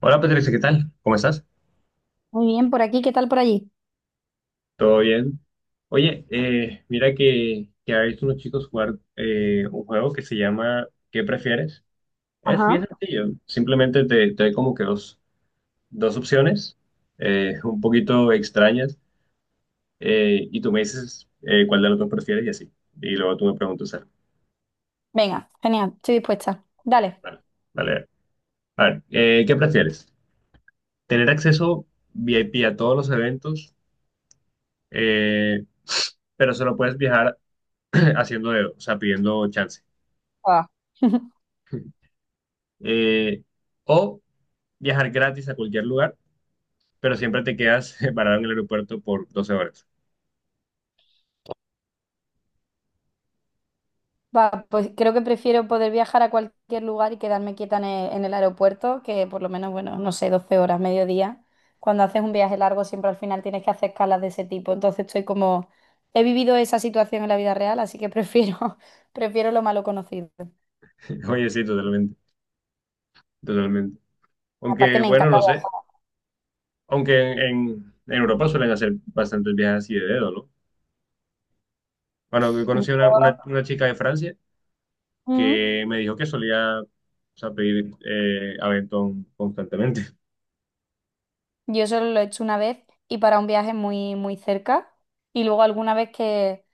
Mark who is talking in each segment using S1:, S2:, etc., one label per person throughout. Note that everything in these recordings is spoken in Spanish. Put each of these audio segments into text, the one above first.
S1: Hola Patricia, ¿qué tal? ¿Cómo estás?
S2: Muy bien, por aquí, ¿qué tal por allí?
S1: ¿Todo bien? Oye, mira que ha visto unos chicos jugar, un juego que se llama ¿Qué prefieres? Es bien
S2: Ajá.
S1: sencillo. Simplemente te doy como que dos opciones un poquito extrañas, y tú me dices, cuál de los dos prefieres y así. Y luego tú me preguntas algo.
S2: Venga, genial, estoy dispuesta. Dale.
S1: Vale, vale. A ver, ¿qué prefieres? ¿Tener acceso VIP a todos los eventos, eh, pero solo puedes viajar haciendo dedo, o sea, pidiendo chance?
S2: Va.
S1: eh, o viajar gratis a cualquier lugar, pero siempre te quedas parado en el aeropuerto por 12 horas.
S2: Va, pues creo que prefiero poder viajar a cualquier lugar y quedarme quieta en el aeropuerto, que por lo menos, bueno, no sé, 12 horas, mediodía. Cuando haces un viaje largo, siempre al final tienes que hacer escalas de ese tipo. Entonces estoy como, he vivido esa situación en la vida real, así que prefiero, prefiero lo malo conocido.
S1: Oye, sí, totalmente, totalmente.
S2: Aparte
S1: Aunque,
S2: me
S1: bueno,
S2: encanta
S1: no sé,
S2: viajar.
S1: aunque en Europa suelen hacer bastantes viajes así de dedo, ¿no? Bueno, yo conocí a una,
S2: Yo,
S1: una, una chica de Francia
S2: mm,
S1: que me dijo que solía, o sea, pedir, aventón constantemente.
S2: yo solo lo he hecho una vez y para un viaje muy, muy cerca. Y luego alguna vez que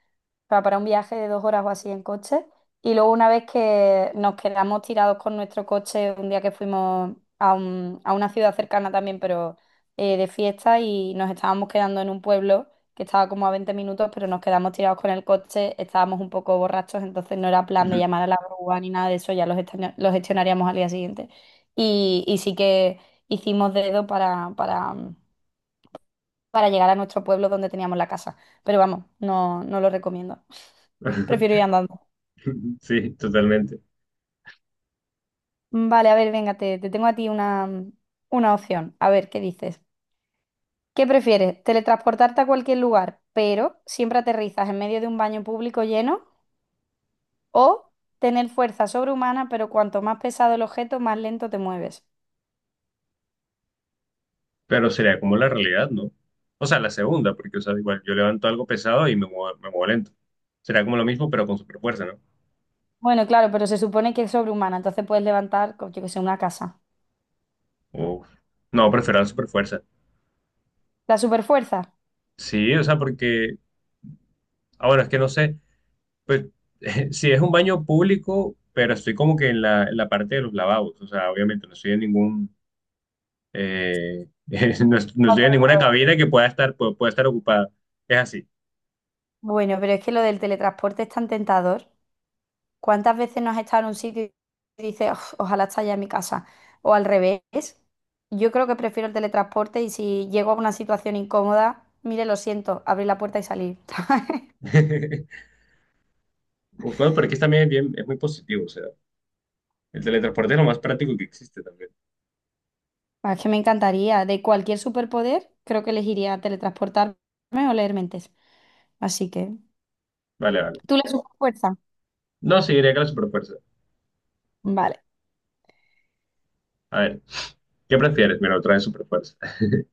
S2: sea, para un viaje de 2 horas o así en coche. Y luego una vez que nos quedamos tirados con nuestro coche, un día que fuimos a, a una ciudad cercana también, pero de fiesta, y nos estábamos quedando en un pueblo que estaba como a 20 minutos, pero nos quedamos tirados con el coche, estábamos un poco borrachos, entonces no era plan de llamar a la grúa ni nada de eso, ya los gestionaríamos al día siguiente. Y sí que hicimos dedo para llegar a nuestro pueblo donde teníamos la casa. Pero vamos, no, no lo recomiendo. Prefiero ir andando.
S1: Sí, totalmente.
S2: Mm, Vale, a ver, venga, te tengo a ti una opción. A ver, ¿qué dices? ¿Qué prefieres? ¿Teletransportarte a cualquier lugar, pero siempre aterrizas en medio de un baño público lleno? ¿O tener fuerza sobrehumana, pero cuanto más pesado el objeto, más lento te mueves?
S1: Pero sería como la realidad, ¿no? O sea, la segunda, porque, o sea, igual yo levanto algo pesado y me muevo lento. Será como lo mismo, pero con super fuerza, ¿no?
S2: Bueno, claro, pero se supone que es sobrehumana, entonces puedes levantar, yo que sé, una casa.
S1: Uf. No, prefiero la super fuerza.
S2: ¿La superfuerza?
S1: Sí, o sea, porque, ahora es que no sé, pues, si es un baño público, pero estoy como que en la parte de los lavabos, o sea, obviamente no estoy en ningún, eh, no, no estoy en ninguna cabina que pueda estar ocupada. Es así.
S2: Bueno, pero es que lo del teletransporte es tan tentador. ¿Cuántas veces no has estado en un sitio y dices: "Uf, ojalá esté ya en mi casa"? O al revés. Yo creo que prefiero el teletransporte y si llego a una situación incómoda, mire, lo siento, abrir la puerta y salir.
S1: Uf, bueno, pero aquí también es bien, es muy positivo, o sea, el teletransporte es lo más práctico que existe también.
S2: Ah, es que me encantaría. De cualquier superpoder, creo que elegiría teletransportarme o leer mentes. Así que,
S1: Vale, vale.
S2: ¿tú le sumas fuerza?
S1: No, seguiría con que la superfuerza.
S2: Vale.
S1: A ver, ¿qué prefieres? Mira, otra vez superfuerza.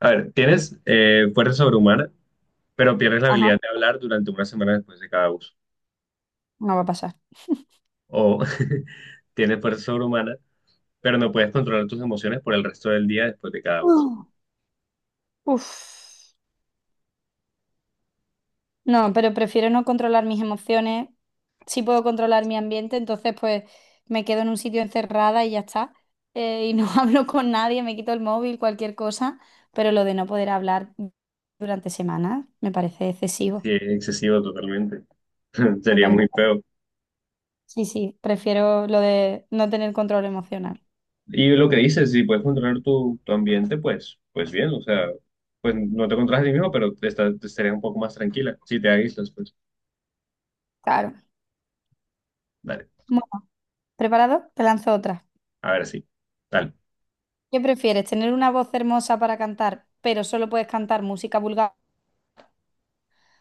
S1: A ver, tienes, fuerza sobrehumana, pero pierdes la habilidad
S2: Ajá,
S1: de hablar durante una semana después de cada uso.
S2: no va a pasar.
S1: O tienes fuerza sobrehumana, pero no puedes controlar tus emociones por el resto del día después de cada uso.
S2: Uh, Uf. No, pero prefiero no controlar mis emociones. Sí puedo controlar mi ambiente, entonces pues me quedo en un sitio encerrada y ya está. Y no hablo con nadie, me quito el móvil, cualquier cosa. Pero lo de no poder hablar durante semanas me parece
S1: Sí,
S2: excesivo.
S1: es excesivo totalmente.
S2: Me
S1: Sería
S2: parece.
S1: muy feo.
S2: Sí, sí, prefiero lo de no tener control emocional.
S1: Y lo que dices, si puedes controlar tu ambiente, pues, pues bien, o sea, pues no te controlas a ti mismo, pero te estarías un poco más tranquila si te aíslas, pues.
S2: Claro.
S1: Vale,
S2: Bueno, ¿preparado? Te lanzo otra.
S1: a ver, sí. Dale.
S2: ¿Qué prefieres? ¿Tener una voz hermosa para cantar, pero solo puedes cantar música vulgar?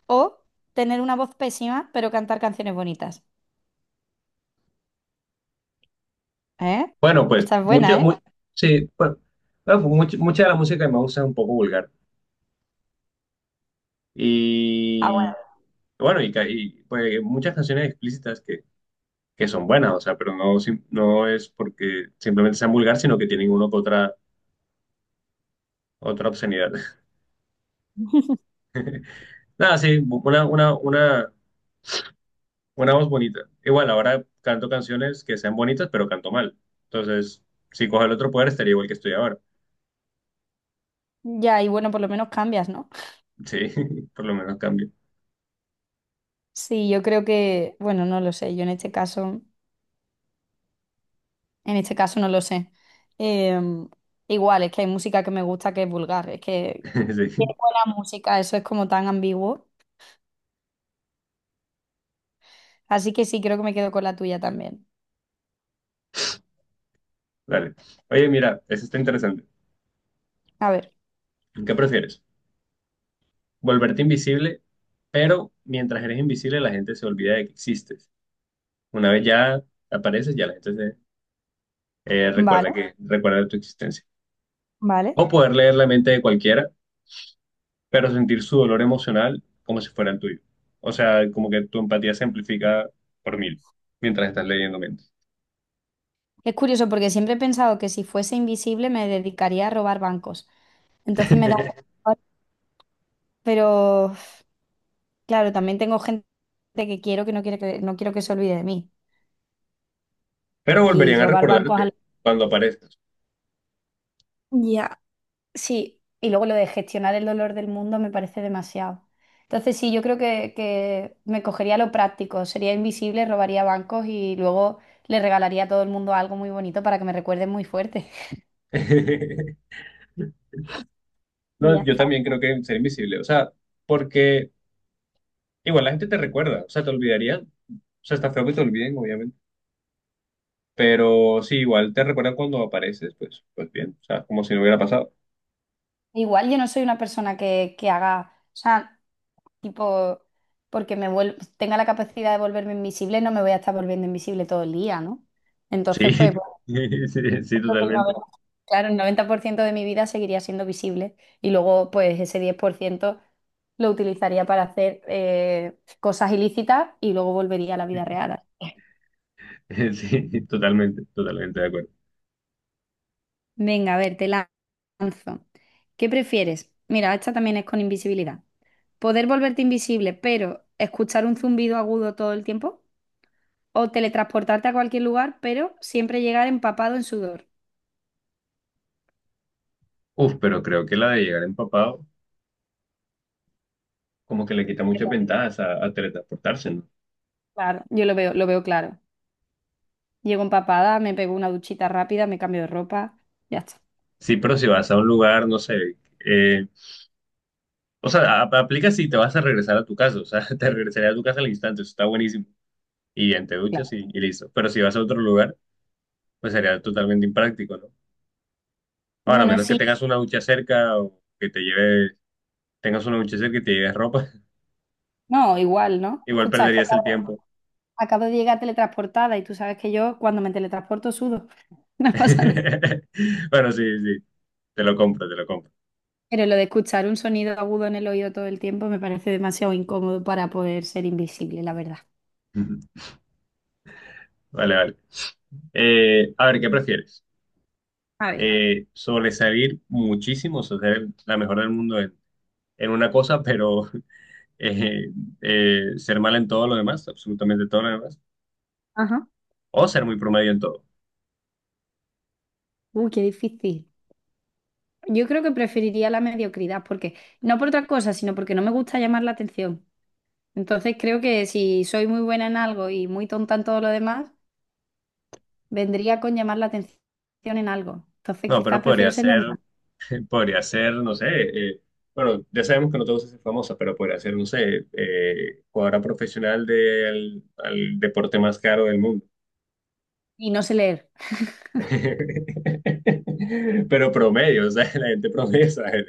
S2: ¿O tener una voz pésima, pero cantar canciones bonitas? ¿Eh?
S1: Bueno, pues
S2: Esta es buena, ¿eh?
S1: sí, bueno, bueno, mucha de la música que me gusta es un poco vulgar. Y
S2: Ah,
S1: bueno, y, pues muchas canciones explícitas que son buenas, o sea, pero no, no es porque simplemente sean vulgar, sino que tienen una que otra, otra obscenidad. Nada, sí, una voz bonita. Igual, ahora canto canciones que sean bonitas, pero canto mal. Entonces, si cojo el otro poder, estaría igual que estoy ahora.
S2: bueno. Ya, y bueno, por lo menos cambias, ¿no?
S1: Sí, por lo menos cambio.
S2: Sí, yo creo que, bueno, no lo sé. Yo en este caso no lo sé. Em, Igual, es que hay música que me gusta que es vulgar. Es que, ¿qué
S1: Sí,
S2: es buena música? Eso es como tan ambiguo. Así que sí, creo que me quedo con la tuya también.
S1: dale. Oye, mira, eso está interesante.
S2: A ver,
S1: ¿Qué prefieres? ¿Volverte invisible, pero mientras eres invisible la gente se olvida de que existes? Una vez ya apareces, ya la gente se,
S2: vale,
S1: recuerda de tu existencia.
S2: vale.
S1: O poder leer la mente de cualquiera, pero sentir su dolor emocional como si fuera el tuyo. O sea, como que tu empatía se amplifica por 1000 mientras estás leyendo mentes.
S2: Es curioso porque siempre he pensado que si fuese invisible me dedicaría a robar bancos. Entonces me da... Pero claro, también tengo gente que quiero que no quiere que no quiero que se olvide de mí.
S1: Pero
S2: Y
S1: volverían a
S2: robar bancos.
S1: recordarte cuando aparezcas.
S2: Ya, sí, y luego lo de gestionar el dolor del mundo me parece demasiado. Entonces sí, yo creo que me cogería lo práctico, sería invisible, robaría bancos y luego le regalaría a todo el mundo algo muy bonito para que me recuerden muy fuerte. Y ya
S1: No, yo
S2: está.
S1: también creo que ser invisible. O sea, porque igual la gente te recuerda, o sea, te olvidaría. O sea, está feo que te olviden, obviamente. Pero sí, igual te recuerdan cuando apareces, pues, pues bien, o sea, como si no hubiera pasado.
S2: Igual yo no soy una persona que haga, o sea, tipo, porque tenga la capacidad de volverme invisible, no me voy a estar volviendo invisible todo el día, ¿no?
S1: Sí,
S2: Entonces, pues...
S1: sí, sí,
S2: el
S1: totalmente.
S2: 90 Claro, el 90% de mi vida seguiría siendo visible y luego pues ese 10% lo utilizaría para hacer cosas ilícitas y luego volvería a la vida real. Así que,
S1: Sí, totalmente, totalmente de acuerdo.
S2: venga, a ver, te lanzo. ¿Qué prefieres? Mira, esta también es con invisibilidad. ¿Poder volverte invisible, pero escuchar un zumbido agudo todo el tiempo? ¿O teletransportarte a cualquier lugar, pero siempre llegar empapado en sudor?
S1: Uf, pero creo que la de llegar empapado como que le quita muchas ventajas a teletransportarse, ¿no?
S2: Claro, yo lo veo claro. Llego empapada, me pego una duchita rápida, me cambio de ropa, ya está.
S1: Sí, pero si vas a un lugar, no sé, eh, o sea, aplica si te vas a regresar a tu casa, o sea, te regresaría a tu casa al instante, eso está buenísimo. Y ya te
S2: Claro.
S1: duchas y listo. Pero si vas a otro lugar, pues sería totalmente impráctico, ¿no? Ahora, a
S2: Bueno,
S1: menos que
S2: sí,
S1: tengas una ducha cerca o que te lleves, tengas una ducha cerca y te lleves ropa,
S2: no, igual, ¿no?
S1: igual
S2: Escucha, es que
S1: perderías el tiempo.
S2: acabo de llegar teletransportada y tú sabes que yo cuando me teletransporto sudo, no pasa nada.
S1: Bueno, sí, sí, te lo compro, te lo compro.
S2: Pero lo de escuchar un sonido agudo en el oído todo el tiempo me parece demasiado incómodo para poder ser invisible, la verdad.
S1: Ujú. Vale, vale. A ver, ¿qué prefieres?
S2: A ver,
S1: Sobresalir muchísimo, o sea, ser la mejor del mundo en una cosa, pero eh, ser mal en todo lo demás, absolutamente todo lo demás,
S2: ajá.
S1: o ser muy promedio en todo.
S2: Uy, qué difícil. Yo creo que preferiría la mediocridad, porque no por otra cosa, sino porque no me gusta llamar la atención. Entonces creo que si soy muy buena en algo y muy tonta en todo lo demás, vendría con llamar la atención en algo. Entonces,
S1: No, pero
S2: quizás
S1: podría
S2: prefiero ser
S1: ser.
S2: normal
S1: Podría ser, no sé, bueno, ya sabemos que no te gusta ser famosa, pero podría ser, no sé, jugadora profesional del al deporte más caro del mundo.
S2: y no sé leer.
S1: Pero promedio, o sea, la gente promedio, ¿sabes?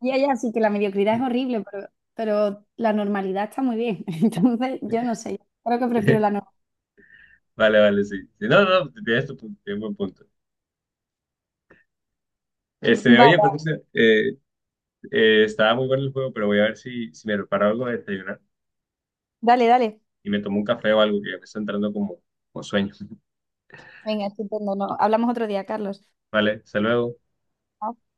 S2: Ya, ya, sí que la mediocridad es horrible, pero la normalidad está muy bien. Entonces, yo no sé, creo que prefiero la normalidad.
S1: Vale, vale, sí. Sí, no, no, tienes tu punto, tienes buen punto. Este, oye,
S2: Vale,
S1: Patricia, estaba muy bueno el juego, pero voy a ver si me preparo algo de desayunar
S2: dale, dale.
S1: y me tomo un café o algo, que ya me está entrando como, como sueño.
S2: Venga, estupendo, no, hablamos otro día, Carlos.
S1: Vale, hasta luego.
S2: Chao.